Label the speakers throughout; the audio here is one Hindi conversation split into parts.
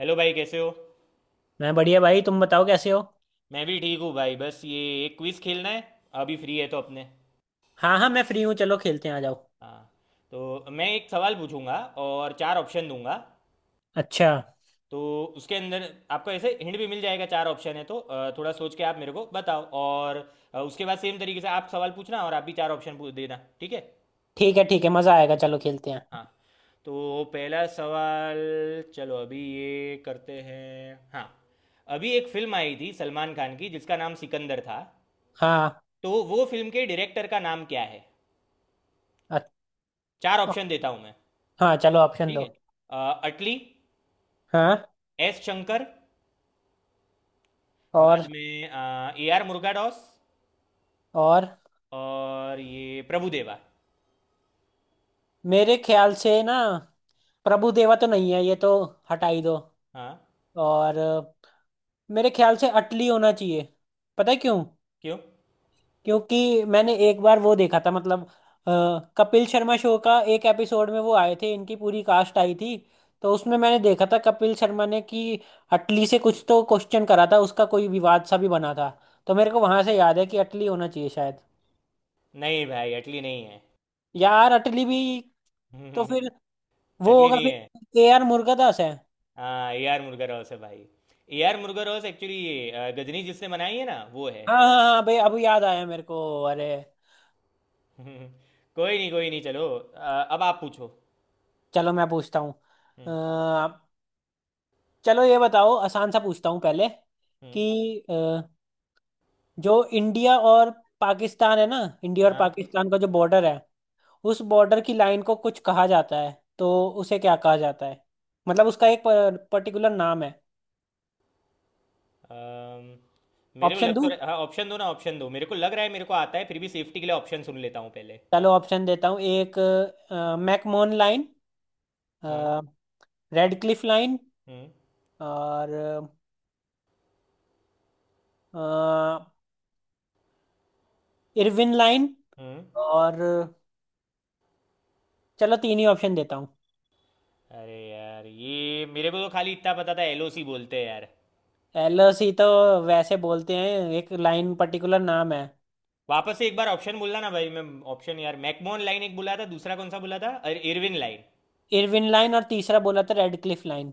Speaker 1: हेलो भाई, कैसे हो?
Speaker 2: मैं बढ़िया भाई। तुम बताओ कैसे हो।
Speaker 1: मैं भी ठीक हूँ भाई। बस ये एक क्विज़ खेलना है। अभी फ्री है तो अपने।
Speaker 2: हाँ हाँ, मैं फ्री हूँ, चलो खेलते हैं, आ जाओ।
Speaker 1: हाँ। तो मैं एक सवाल पूछूंगा और चार ऑप्शन दूंगा।
Speaker 2: अच्छा।
Speaker 1: तो उसके अंदर आपको ऐसे हिंट भी मिल जाएगा। चार ऑप्शन है, तो थोड़ा सोच के आप मेरे को बताओ। और उसके बाद सेम तरीके से आप सवाल पूछना, और आप भी चार ऑप्शन पूछ देना, ठीक है?
Speaker 2: ठीक है ठीक है, मज़ा आएगा, चलो खेलते हैं।
Speaker 1: हाँ। तो पहला सवाल। चलो अभी ये करते हैं। हाँ। अभी एक फिल्म आई थी सलमान खान की, जिसका नाम सिकंदर था।
Speaker 2: हाँ।
Speaker 1: तो वो फिल्म के डायरेक्टर का नाम क्या है?
Speaker 2: अ-
Speaker 1: चार ऑप्शन देता हूँ मैं।
Speaker 2: हाँ चलो ऑप्शन
Speaker 1: ठीक
Speaker 2: दो।
Speaker 1: है। अटली,
Speaker 2: हाँ।
Speaker 1: एस शंकर,
Speaker 2: और।
Speaker 1: बाद में ए आर मुर्गाडॉस
Speaker 2: और
Speaker 1: और ये प्रभुदेवा।
Speaker 2: मेरे ख्याल से ना प्रभु देवा तो नहीं है ये तो, हटा ही दो।
Speaker 1: हाँ।
Speaker 2: और मेरे ख्याल से अटली होना चाहिए। पता है क्यों?
Speaker 1: क्यों?
Speaker 2: क्योंकि मैंने एक बार वो देखा था, मतलब अ, कपिल शर्मा शो का एक एपिसोड में वो आए थे, इनकी पूरी कास्ट आई थी। तो उसमें मैंने देखा था कपिल शर्मा ने कि अटली से कुछ तो क्वेश्चन करा था, उसका कोई विवाद सा भी बना था। तो मेरे को वहां से याद है कि अटली होना चाहिए शायद।
Speaker 1: नहीं भाई, अटली नहीं है।
Speaker 2: यार अटली भी। तो फिर वो
Speaker 1: अटली
Speaker 2: होगा
Speaker 1: नहीं
Speaker 2: फिर।
Speaker 1: है।
Speaker 2: के आर मुर्गदास है।
Speaker 1: हाँ, ए आर मुर्गाडॉस है भाई। ए आर मुर्गाडॉस एक्चुअली ये गजनी जिसने बनाई है ना, वो है।
Speaker 2: हाँ हाँ हाँ भाई, अब याद आया मेरे को अरे।
Speaker 1: कोई नहीं, कोई नहीं, चलो अब आप पूछो।
Speaker 2: चलो मैं पूछता हूँ। अ,
Speaker 1: हम्म।
Speaker 2: चलो ये बताओ, आसान सा पूछता हूँ पहले।
Speaker 1: हम्म।
Speaker 2: कि जो इंडिया और पाकिस्तान है ना, इंडिया और
Speaker 1: हाँ।
Speaker 2: पाकिस्तान का जो बॉर्डर है, उस बॉर्डर की लाइन को कुछ कहा जाता है। तो उसे क्या कहा जाता है? मतलब उसका एक पर्टिकुलर नाम है।
Speaker 1: अम, मेरे को
Speaker 2: ऑप्शन
Speaker 1: लग तो
Speaker 2: दूं?
Speaker 1: रहा, हाँ ऑप्शन दो ना, ऑप्शन दो। मेरे को लग रहा है, मेरे को आता है, फिर भी सेफ्टी के लिए ऑप्शन सुन लेता हूँ पहले।
Speaker 2: चलो ऑप्शन देता हूँ। एक, McMahon line.
Speaker 1: Hmm.
Speaker 2: Radcliffe line.
Speaker 1: Hmm.
Speaker 2: और इरविन लाइन।
Speaker 1: हम्म।
Speaker 2: और, चलो तीन ही ऑप्शन देता हूँ।
Speaker 1: अरे यार, ये मेरे को तो खाली इतना पता था, एलओसी बोलते हैं यार।
Speaker 2: एलओसी तो वैसे बोलते हैं, एक लाइन पर्टिकुलर नाम है।
Speaker 1: वापस से एक बार ऑप्शन बोलना ना भाई, मैं। ऑप्शन यार, मैकमोहन लाइन एक बोला था, दूसरा कौन सा बोला था? अरे, इरविन लाइन।
Speaker 2: इरविन लाइन, और तीसरा बोला था Radcliffe line.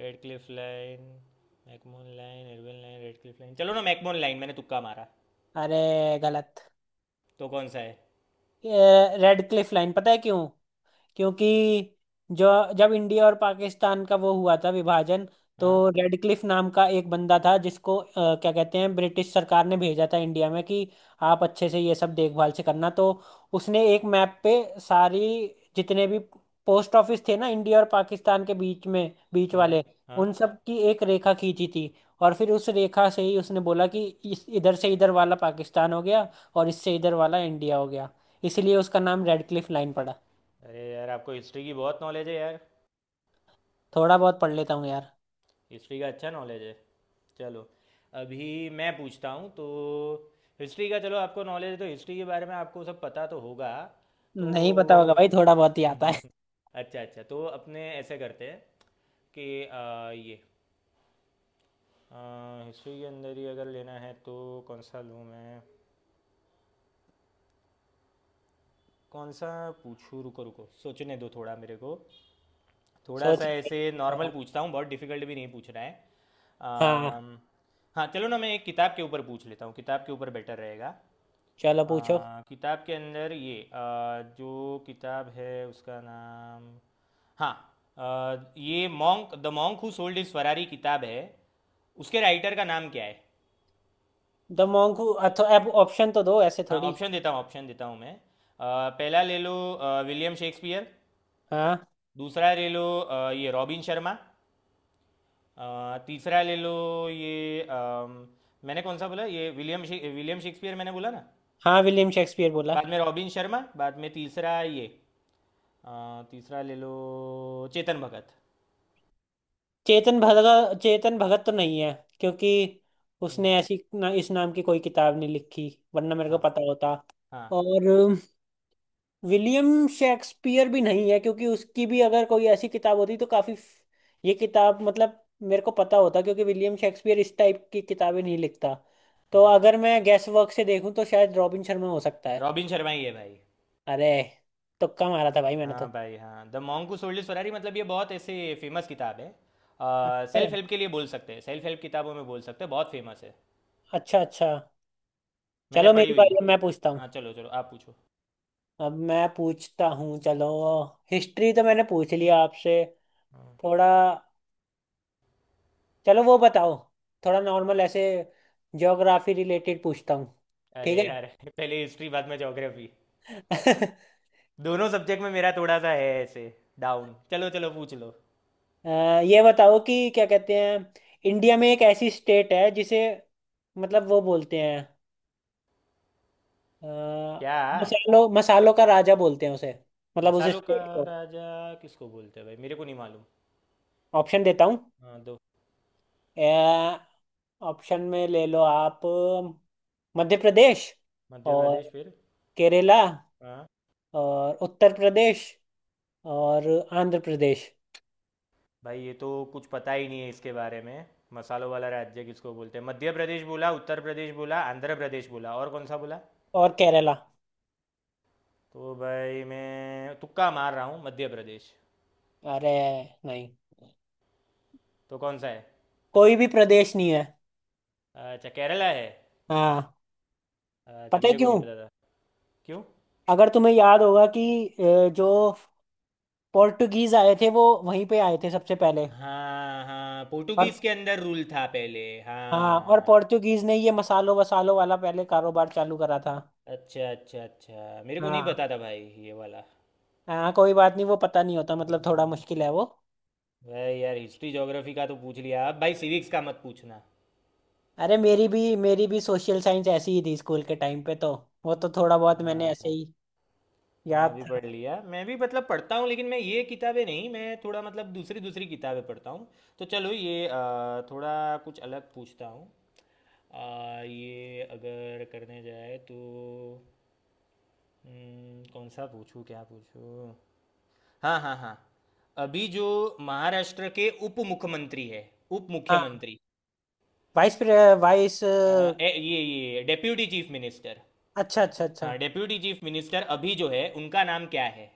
Speaker 1: Radcliffe line. McMahon line, Irwin line, Radcliffe line. चलो ना, मैकमोहन लाइन, मैंने तुक्का मारा।
Speaker 2: अरे गलत।
Speaker 1: तो कौन सा है?
Speaker 2: Radcliffe line. पता है क्यों? क्योंकि जो जब इंडिया और पाकिस्तान का वो हुआ था विभाजन, तो
Speaker 1: हाँ,
Speaker 2: रेडक्लिफ नाम का एक बंदा था जिसको क्या कहते हैं, ब्रिटिश सरकार ने भेजा था इंडिया में कि आप अच्छे से ये सब देखभाल से करना। तो उसने एक मैप पे सारी, जितने भी पोस्ट ऑफिस थे ना इंडिया और पाकिस्तान के बीच में, बीच
Speaker 1: हाँ,
Speaker 2: वाले
Speaker 1: हाँ।
Speaker 2: उन सब की एक रेखा खींची थी। और फिर उस रेखा से ही उसने बोला कि इस इधर से इधर वाला पाकिस्तान हो गया, और इससे इधर वाला इंडिया हो गया। इसलिए उसका नाम रेडक्लिफ लाइन पड़ा।
Speaker 1: अरे यार, आपको हिस्ट्री की बहुत नॉलेज है यार।
Speaker 2: थोड़ा बहुत पढ़ लेता हूँ यार।
Speaker 1: हिस्ट्री का अच्छा नॉलेज है। चलो। अभी मैं पूछता हूँ तो। हिस्ट्री का, चलो, आपको नॉलेज है तो हिस्ट्री के बारे में आपको सब पता तो होगा। तो।
Speaker 2: नहीं पता होगा भाई, थोड़ा बहुत ही आता है।
Speaker 1: अच्छा अच्छा, तो अपने ऐसे करते हैं, कि ये हिस्ट्री के अंदर ही अगर लेना है तो कौन सा लूँ मैं, कौन सा पूछूँ? रुको रुको, सोचने दो थोड़ा मेरे को। थोड़ा
Speaker 2: सोच
Speaker 1: सा ऐसे
Speaker 2: रहा
Speaker 1: नॉर्मल
Speaker 2: हूँ।
Speaker 1: पूछता हूँ, बहुत डिफिकल्ट भी नहीं पूछ रहा है।
Speaker 2: हाँ
Speaker 1: अम, हाँ चलो ना, मैं एक किताब के ऊपर पूछ लेता हूँ, किताब के ऊपर बेटर रहेगा।
Speaker 2: चलो पूछो।
Speaker 1: किताब के अंदर ये जो किताब है उसका नाम। हाँ। आ, ये monk the monk who sold his Ferrari किताब है। उसके राइटर का नाम क्या है?
Speaker 2: द मॉन्क हू अथो, अब ऑप्शन तो दो ऐसे
Speaker 1: हाँ।
Speaker 2: थोड़ी।
Speaker 1: ऑप्शन देता हूँ, ऑप्शन देता हूँ मैं। पहला ले लो, विलियम शेक्सपियर।
Speaker 2: हाँ,
Speaker 1: दूसरा ले लो, ये रॉबिन शर्मा। तीसरा ले लो, ये मैंने कौन सा बोला? ये विलियम शेक्सपियर मैंने बोला ना।
Speaker 2: हाँ विलियम शेक्सपियर बोला।
Speaker 1: बाद में रॉबिन शर्मा, बाद में तीसरा ये तीसरा ले लो, चेतन भगत।
Speaker 2: चेतन भगत? चेतन भगत तो नहीं है, क्योंकि
Speaker 1: हम्म।
Speaker 2: उसने ऐसी ना, इस नाम की कोई किताब नहीं लिखी, वरना मेरे को
Speaker 1: हाँ,
Speaker 2: पता होता।
Speaker 1: हाँ।
Speaker 2: और विलियम शेक्सपियर भी नहीं है, क्योंकि उसकी भी अगर कोई ऐसी किताब होती तो काफी ये किताब मतलब मेरे को पता होता, क्योंकि विलियम शेक्सपियर इस टाइप की किताबें नहीं लिखता। तो
Speaker 1: हम्म।
Speaker 2: अगर मैं गैस वर्क से देखूं तो शायद रॉबिन शर्मा हो सकता है।
Speaker 1: रॉबिन शर्मा ही है भाई।
Speaker 2: अरे, तुक्का मारा था भाई मैंने
Speaker 1: हाँ
Speaker 2: तो।
Speaker 1: भाई हाँ, the monk who sold his Ferrari, मतलब ये बहुत ऐसे फेमस किताब है।
Speaker 2: अच्छा
Speaker 1: सेल्फ हेल्प के लिए बोल सकते हैं, सेल्फ हेल्प किताबों में बोल सकते हैं, बहुत फेमस है।
Speaker 2: अच्छा अच्छा।
Speaker 1: मैंने
Speaker 2: चलो
Speaker 1: पढ़ी
Speaker 2: मेरी
Speaker 1: हुई
Speaker 2: बारी
Speaker 1: है।
Speaker 2: है, मैं पूछता हूँ।
Speaker 1: हाँ चलो चलो, आप पूछो।
Speaker 2: अब मैं पूछता हूँ चलो। हिस्ट्री तो मैंने पूछ लिया आपसे।
Speaker 1: हाँ।
Speaker 2: थोड़ा, चलो वो बताओ, थोड़ा नॉर्मल ऐसे ज्योग्राफी रिलेटेड पूछता हूँ।
Speaker 1: अरे
Speaker 2: ठीक है।
Speaker 1: यार, पहले हिस्ट्री, बाद में ज्योग्राफी। दोनों सब्जेक्ट में मेरा थोड़ा सा है ऐसे डाउन। चलो चलो, पूछ लो।
Speaker 2: अ, ये बताओ कि क्या कहते हैं, इंडिया में एक ऐसी स्टेट है जिसे, मतलब वो बोलते हैं अ,
Speaker 1: क्या?
Speaker 2: मसालों मसालों का राजा बोलते हैं उसे। मतलब उसे
Speaker 1: मसालों का
Speaker 2: स्टेट को।
Speaker 1: राजा? किसको बोलते हैं भाई, मेरे को नहीं मालूम।
Speaker 2: ऑप्शन देता हूँ।
Speaker 1: हाँ, दो।
Speaker 2: ऑप्शन में ले लो आप, मध्य प्रदेश।
Speaker 1: मध्य
Speaker 2: और
Speaker 1: प्रदेश, फिर?
Speaker 2: केरला।
Speaker 1: आ,
Speaker 2: और उत्तर प्रदेश। और आंध्र प्रदेश।
Speaker 1: भाई ये तो कुछ पता ही नहीं है इसके बारे में। मसालों वाला राज्य किसको बोलते हैं? मध्य प्रदेश बोला, उत्तर प्रदेश बोला, आंध्र प्रदेश बोला और कौन सा बोला?
Speaker 2: और केरला।
Speaker 1: तो भाई मैं तुक्का मार रहा हूँ, मध्य प्रदेश।
Speaker 2: अरे नहीं,
Speaker 1: तो कौन सा है?
Speaker 2: कोई भी प्रदेश नहीं है।
Speaker 1: अच्छा, केरला है।
Speaker 2: हाँ।
Speaker 1: अच्छा,
Speaker 2: पता है
Speaker 1: मेरे को नहीं
Speaker 2: क्यों?
Speaker 1: पता था। क्यों?
Speaker 2: अगर तुम्हें याद होगा कि जो पोर्टुगीज आए थे वो वहीं पे आए थे सबसे पहले।
Speaker 1: हाँ हाँ,
Speaker 2: और,
Speaker 1: पोर्टुगीज के अंदर रूल था पहले,
Speaker 2: हाँ, और
Speaker 1: हाँ।
Speaker 2: पोर्टुगीज ने ये मसालों वसालों वाला पहले कारोबार चालू करा था।
Speaker 1: अच्छा अच्छा अच्छा, मेरे को नहीं
Speaker 2: हाँ।
Speaker 1: पता था भाई, ये वाला।
Speaker 2: हाँ कोई बात नहीं, वो पता नहीं होता, मतलब थोड़ा
Speaker 1: हम्म।
Speaker 2: मुश्किल है वो।
Speaker 1: भाई यार, हिस्ट्री ज्योग्राफी का तो पूछ लिया, अब भाई सिविक्स का मत पूछना।
Speaker 2: अरे मेरी भी सोशल साइंस ऐसी ही थी स्कूल के टाइम पे, तो वो तो थोड़ा बहुत मैंने
Speaker 1: हाँ
Speaker 2: ऐसे
Speaker 1: भाई।
Speaker 2: ही
Speaker 1: हाँ,
Speaker 2: याद
Speaker 1: अभी पढ़
Speaker 2: था।
Speaker 1: लिया मैं भी, मतलब पढ़ता हूँ, लेकिन मैं ये किताबें नहीं, मैं थोड़ा मतलब दूसरी दूसरी किताबें पढ़ता हूँ। तो चलो ये थोड़ा कुछ अलग पूछता हूँ। ये अगर करने जाए तो। कौन सा पूछूँ, क्या पूछूँ? हाँ, हाँ, हाँ। अभी जो महाराष्ट्र के उप मुख्यमंत्री है, उप
Speaker 2: हाँ।
Speaker 1: मुख्यमंत्री,
Speaker 2: वाइस प्रे- वाइस,
Speaker 1: अ,
Speaker 2: अच्छा
Speaker 1: ये डेप्यूटी चीफ मिनिस्टर।
Speaker 2: अच्छा अच्छा।
Speaker 1: हाँ, डेप्यूटी चीफ मिनिस्टर अभी जो है उनका नाम क्या है?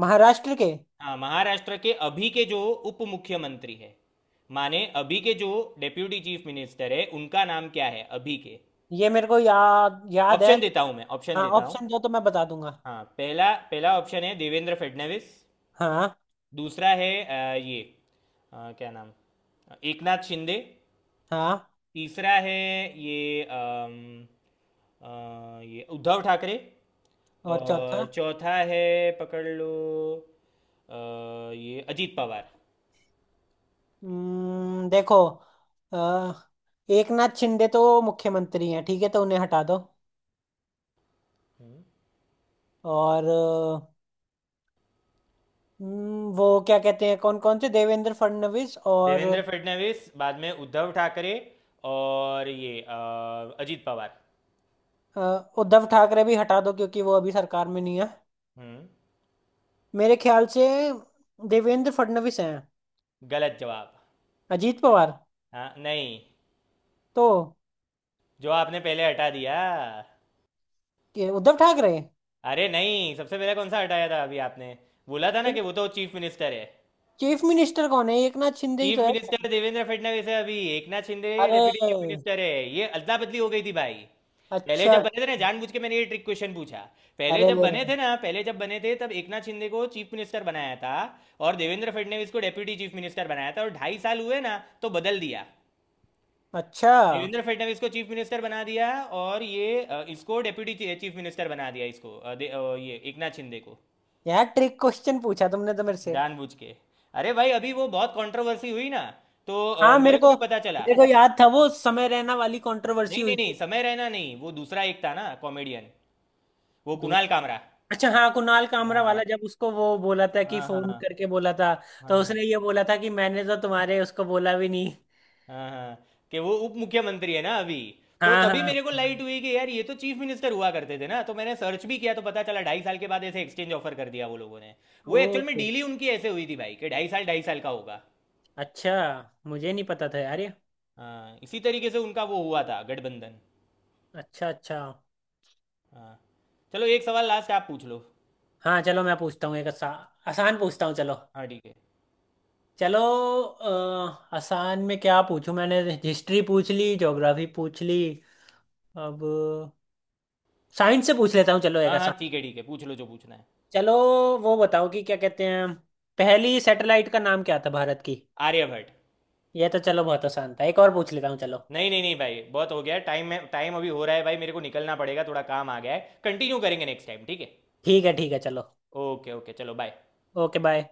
Speaker 2: महाराष्ट्र के।
Speaker 1: हाँ, महाराष्ट्र के अभी के जो उप मुख्यमंत्री है, माने अभी के जो डेप्यूटी चीफ मिनिस्टर है उनका नाम क्या है अभी के?
Speaker 2: ये मेरे को याद याद है।
Speaker 1: ऑप्शन देता हूँ मैं, ऑप्शन
Speaker 2: हाँ
Speaker 1: देता हूँ।
Speaker 2: ऑप्शन दो तो मैं बता दूंगा।
Speaker 1: हाँ, पहला पहला ऑप्शन है देवेंद्र फडणवीस।
Speaker 2: हाँ।
Speaker 1: दूसरा है ये क्या नाम, एकनाथ शिंदे।
Speaker 2: हाँ।
Speaker 1: तीसरा है ये अम, ये उद्धव ठाकरे।
Speaker 2: और
Speaker 1: और
Speaker 2: चौथा?
Speaker 1: चौथा है, पकड़ लो अ, ये अजीत पवार।
Speaker 2: देखो, आ, एक नाथ शिंदे तो मुख्यमंत्री हैं, ठीक है, तो उन्हें हटा दो। और वो क्या कहते हैं, कौन कौन से? देवेंद्र फडणवीस और,
Speaker 1: देवेंद्र फडणवीस, बाद में उद्धव ठाकरे और ये अजीत पवार।
Speaker 2: अ, उद्धव ठाकरे भी हटा दो क्योंकि वो अभी सरकार में नहीं है।
Speaker 1: हम्म।
Speaker 2: मेरे ख्याल से देवेंद्र फडणवीस हैं।
Speaker 1: गलत जवाब।
Speaker 2: अजीत पवार?
Speaker 1: हाँ, नहीं।
Speaker 2: तो
Speaker 1: जो आपने पहले हटा दिया।
Speaker 2: ये उद्धव ठाकरे?
Speaker 1: अरे नहीं, सबसे पहले कौन सा हटाया था अभी आपने? बोला था ना कि वो तो चीफ मिनिस्टर है।
Speaker 2: चीफ मिनिस्टर कौन है, एक नाथ शिंदे ही तो
Speaker 1: चीफ
Speaker 2: है।
Speaker 1: मिनिस्टर देवेंद्र फडणवीस है अभी, एकनाथ शिंदे डेप्यूटी चीफ
Speaker 2: अरे।
Speaker 1: मिनिस्टर है। ये अदला बदली हो गई थी भाई। पहले
Speaker 2: अच्छा।
Speaker 1: जब बने थे ना, जानबूझ के मैंने ये ट्रिक क्वेश्चन पूछा। पहले
Speaker 2: अरे।
Speaker 1: जब बने थे ना, पहले जब बने थे तब एकनाथ शिंदे को चीफ मिनिस्टर बनाया था, और देवेंद्र फडणवीस को डेप्यूटी चीफ मिनिस्टर बनाया था, और 2.5 साल हुए ना, तो बदल दिया।
Speaker 2: अच्छा।
Speaker 1: देवेंद्र फडणवीस को चीफ मिनिस्टर बना दिया, और ये इसको डेप्यूटी चीफ मिनिस्टर बना दिया, इसको ये एकनाथ शिंदे को।
Speaker 2: यार ट्रिक क्वेश्चन पूछा तुमने तो मेरे से।
Speaker 1: जानबूझ के। अरे भाई, अभी वो बहुत कंट्रोवर्सी हुई ना, तो
Speaker 2: हाँ
Speaker 1: मेरे
Speaker 2: मेरे
Speaker 1: को
Speaker 2: को,
Speaker 1: भी पता चला।
Speaker 2: मेरे को याद था, वो समय रैना वाली कंट्रोवर्सी
Speaker 1: नहीं नहीं
Speaker 2: हुई
Speaker 1: नहीं,
Speaker 2: थी।
Speaker 1: समय रहना नहीं, वो दूसरा एक था ना कॉमेडियन, वो
Speaker 2: दूध,
Speaker 1: कुणाल कामरा।
Speaker 2: अच्छा, हाँ कुणाल कामरा
Speaker 1: हाँ,
Speaker 2: वाला, जब उसको वो बोला था कि
Speaker 1: हाँ, हाँ।
Speaker 2: फोन करके बोला था।
Speaker 1: हाँ।
Speaker 2: तो
Speaker 1: हाँ,
Speaker 2: उसने ये बोला था कि मैंने तो तुम्हारे उसको बोला भी नहीं।
Speaker 1: हाँ, हाँ, कि वो उप मुख्यमंत्री है ना अभी। तो
Speaker 2: हाँ हाँ
Speaker 1: तभी मेरे को लाइट
Speaker 2: हाँ।
Speaker 1: हुई कि यार, ये तो चीफ मिनिस्टर हुआ करते थे ना, तो मैंने सर्च भी किया, तो पता चला 2.5 साल के बाद ऐसे एक्सचेंज ऑफर कर दिया वो लोगों ने। वो
Speaker 2: ओ,
Speaker 1: एक्चुअल में डील ही उनकी ऐसे हुई थी भाई, कि 2.5 साल 2.5 साल का होगा।
Speaker 2: अच्छा, मुझे नहीं पता था यार ये।
Speaker 1: हाँ, इसी तरीके से उनका वो हुआ था गठबंधन।
Speaker 2: अच्छा अच्छा।
Speaker 1: हाँ, चलो एक सवाल लास्ट आप पूछ लो।
Speaker 2: हाँ चलो मैं पूछता हूँ एक आसान पूछता हूँ चलो।
Speaker 1: हाँ, ठीक है।
Speaker 2: चलो। आसान में क्या पूछूं, मैंने हिस्ट्री पूछ ली, ज्योग्राफी पूछ ली। अब साइंस से पूछ लेता हूँ, चलो एक
Speaker 1: हाँ हाँ,
Speaker 2: आसान।
Speaker 1: ठीक है, ठीक है, पूछ लो जो पूछना है।
Speaker 2: चलो वो बताओ कि क्या कहते हैं, पहली सैटेलाइट का नाम क्या था भारत की?
Speaker 1: आर्यभट्ट।
Speaker 2: ये तो चलो बहुत आसान था, एक और पूछ लेता हूँ चलो।
Speaker 1: नहीं नहीं नहीं भाई, बहुत हो गया है। टाइम में टाइम अभी हो रहा है भाई, मेरे को निकलना पड़ेगा, थोड़ा काम आ गया है। कंटिन्यू करेंगे नेक्स्ट टाइम, ठीक है?
Speaker 2: ठीक है चलो।
Speaker 1: ओके ओके चलो, बाय।
Speaker 2: Okay bye.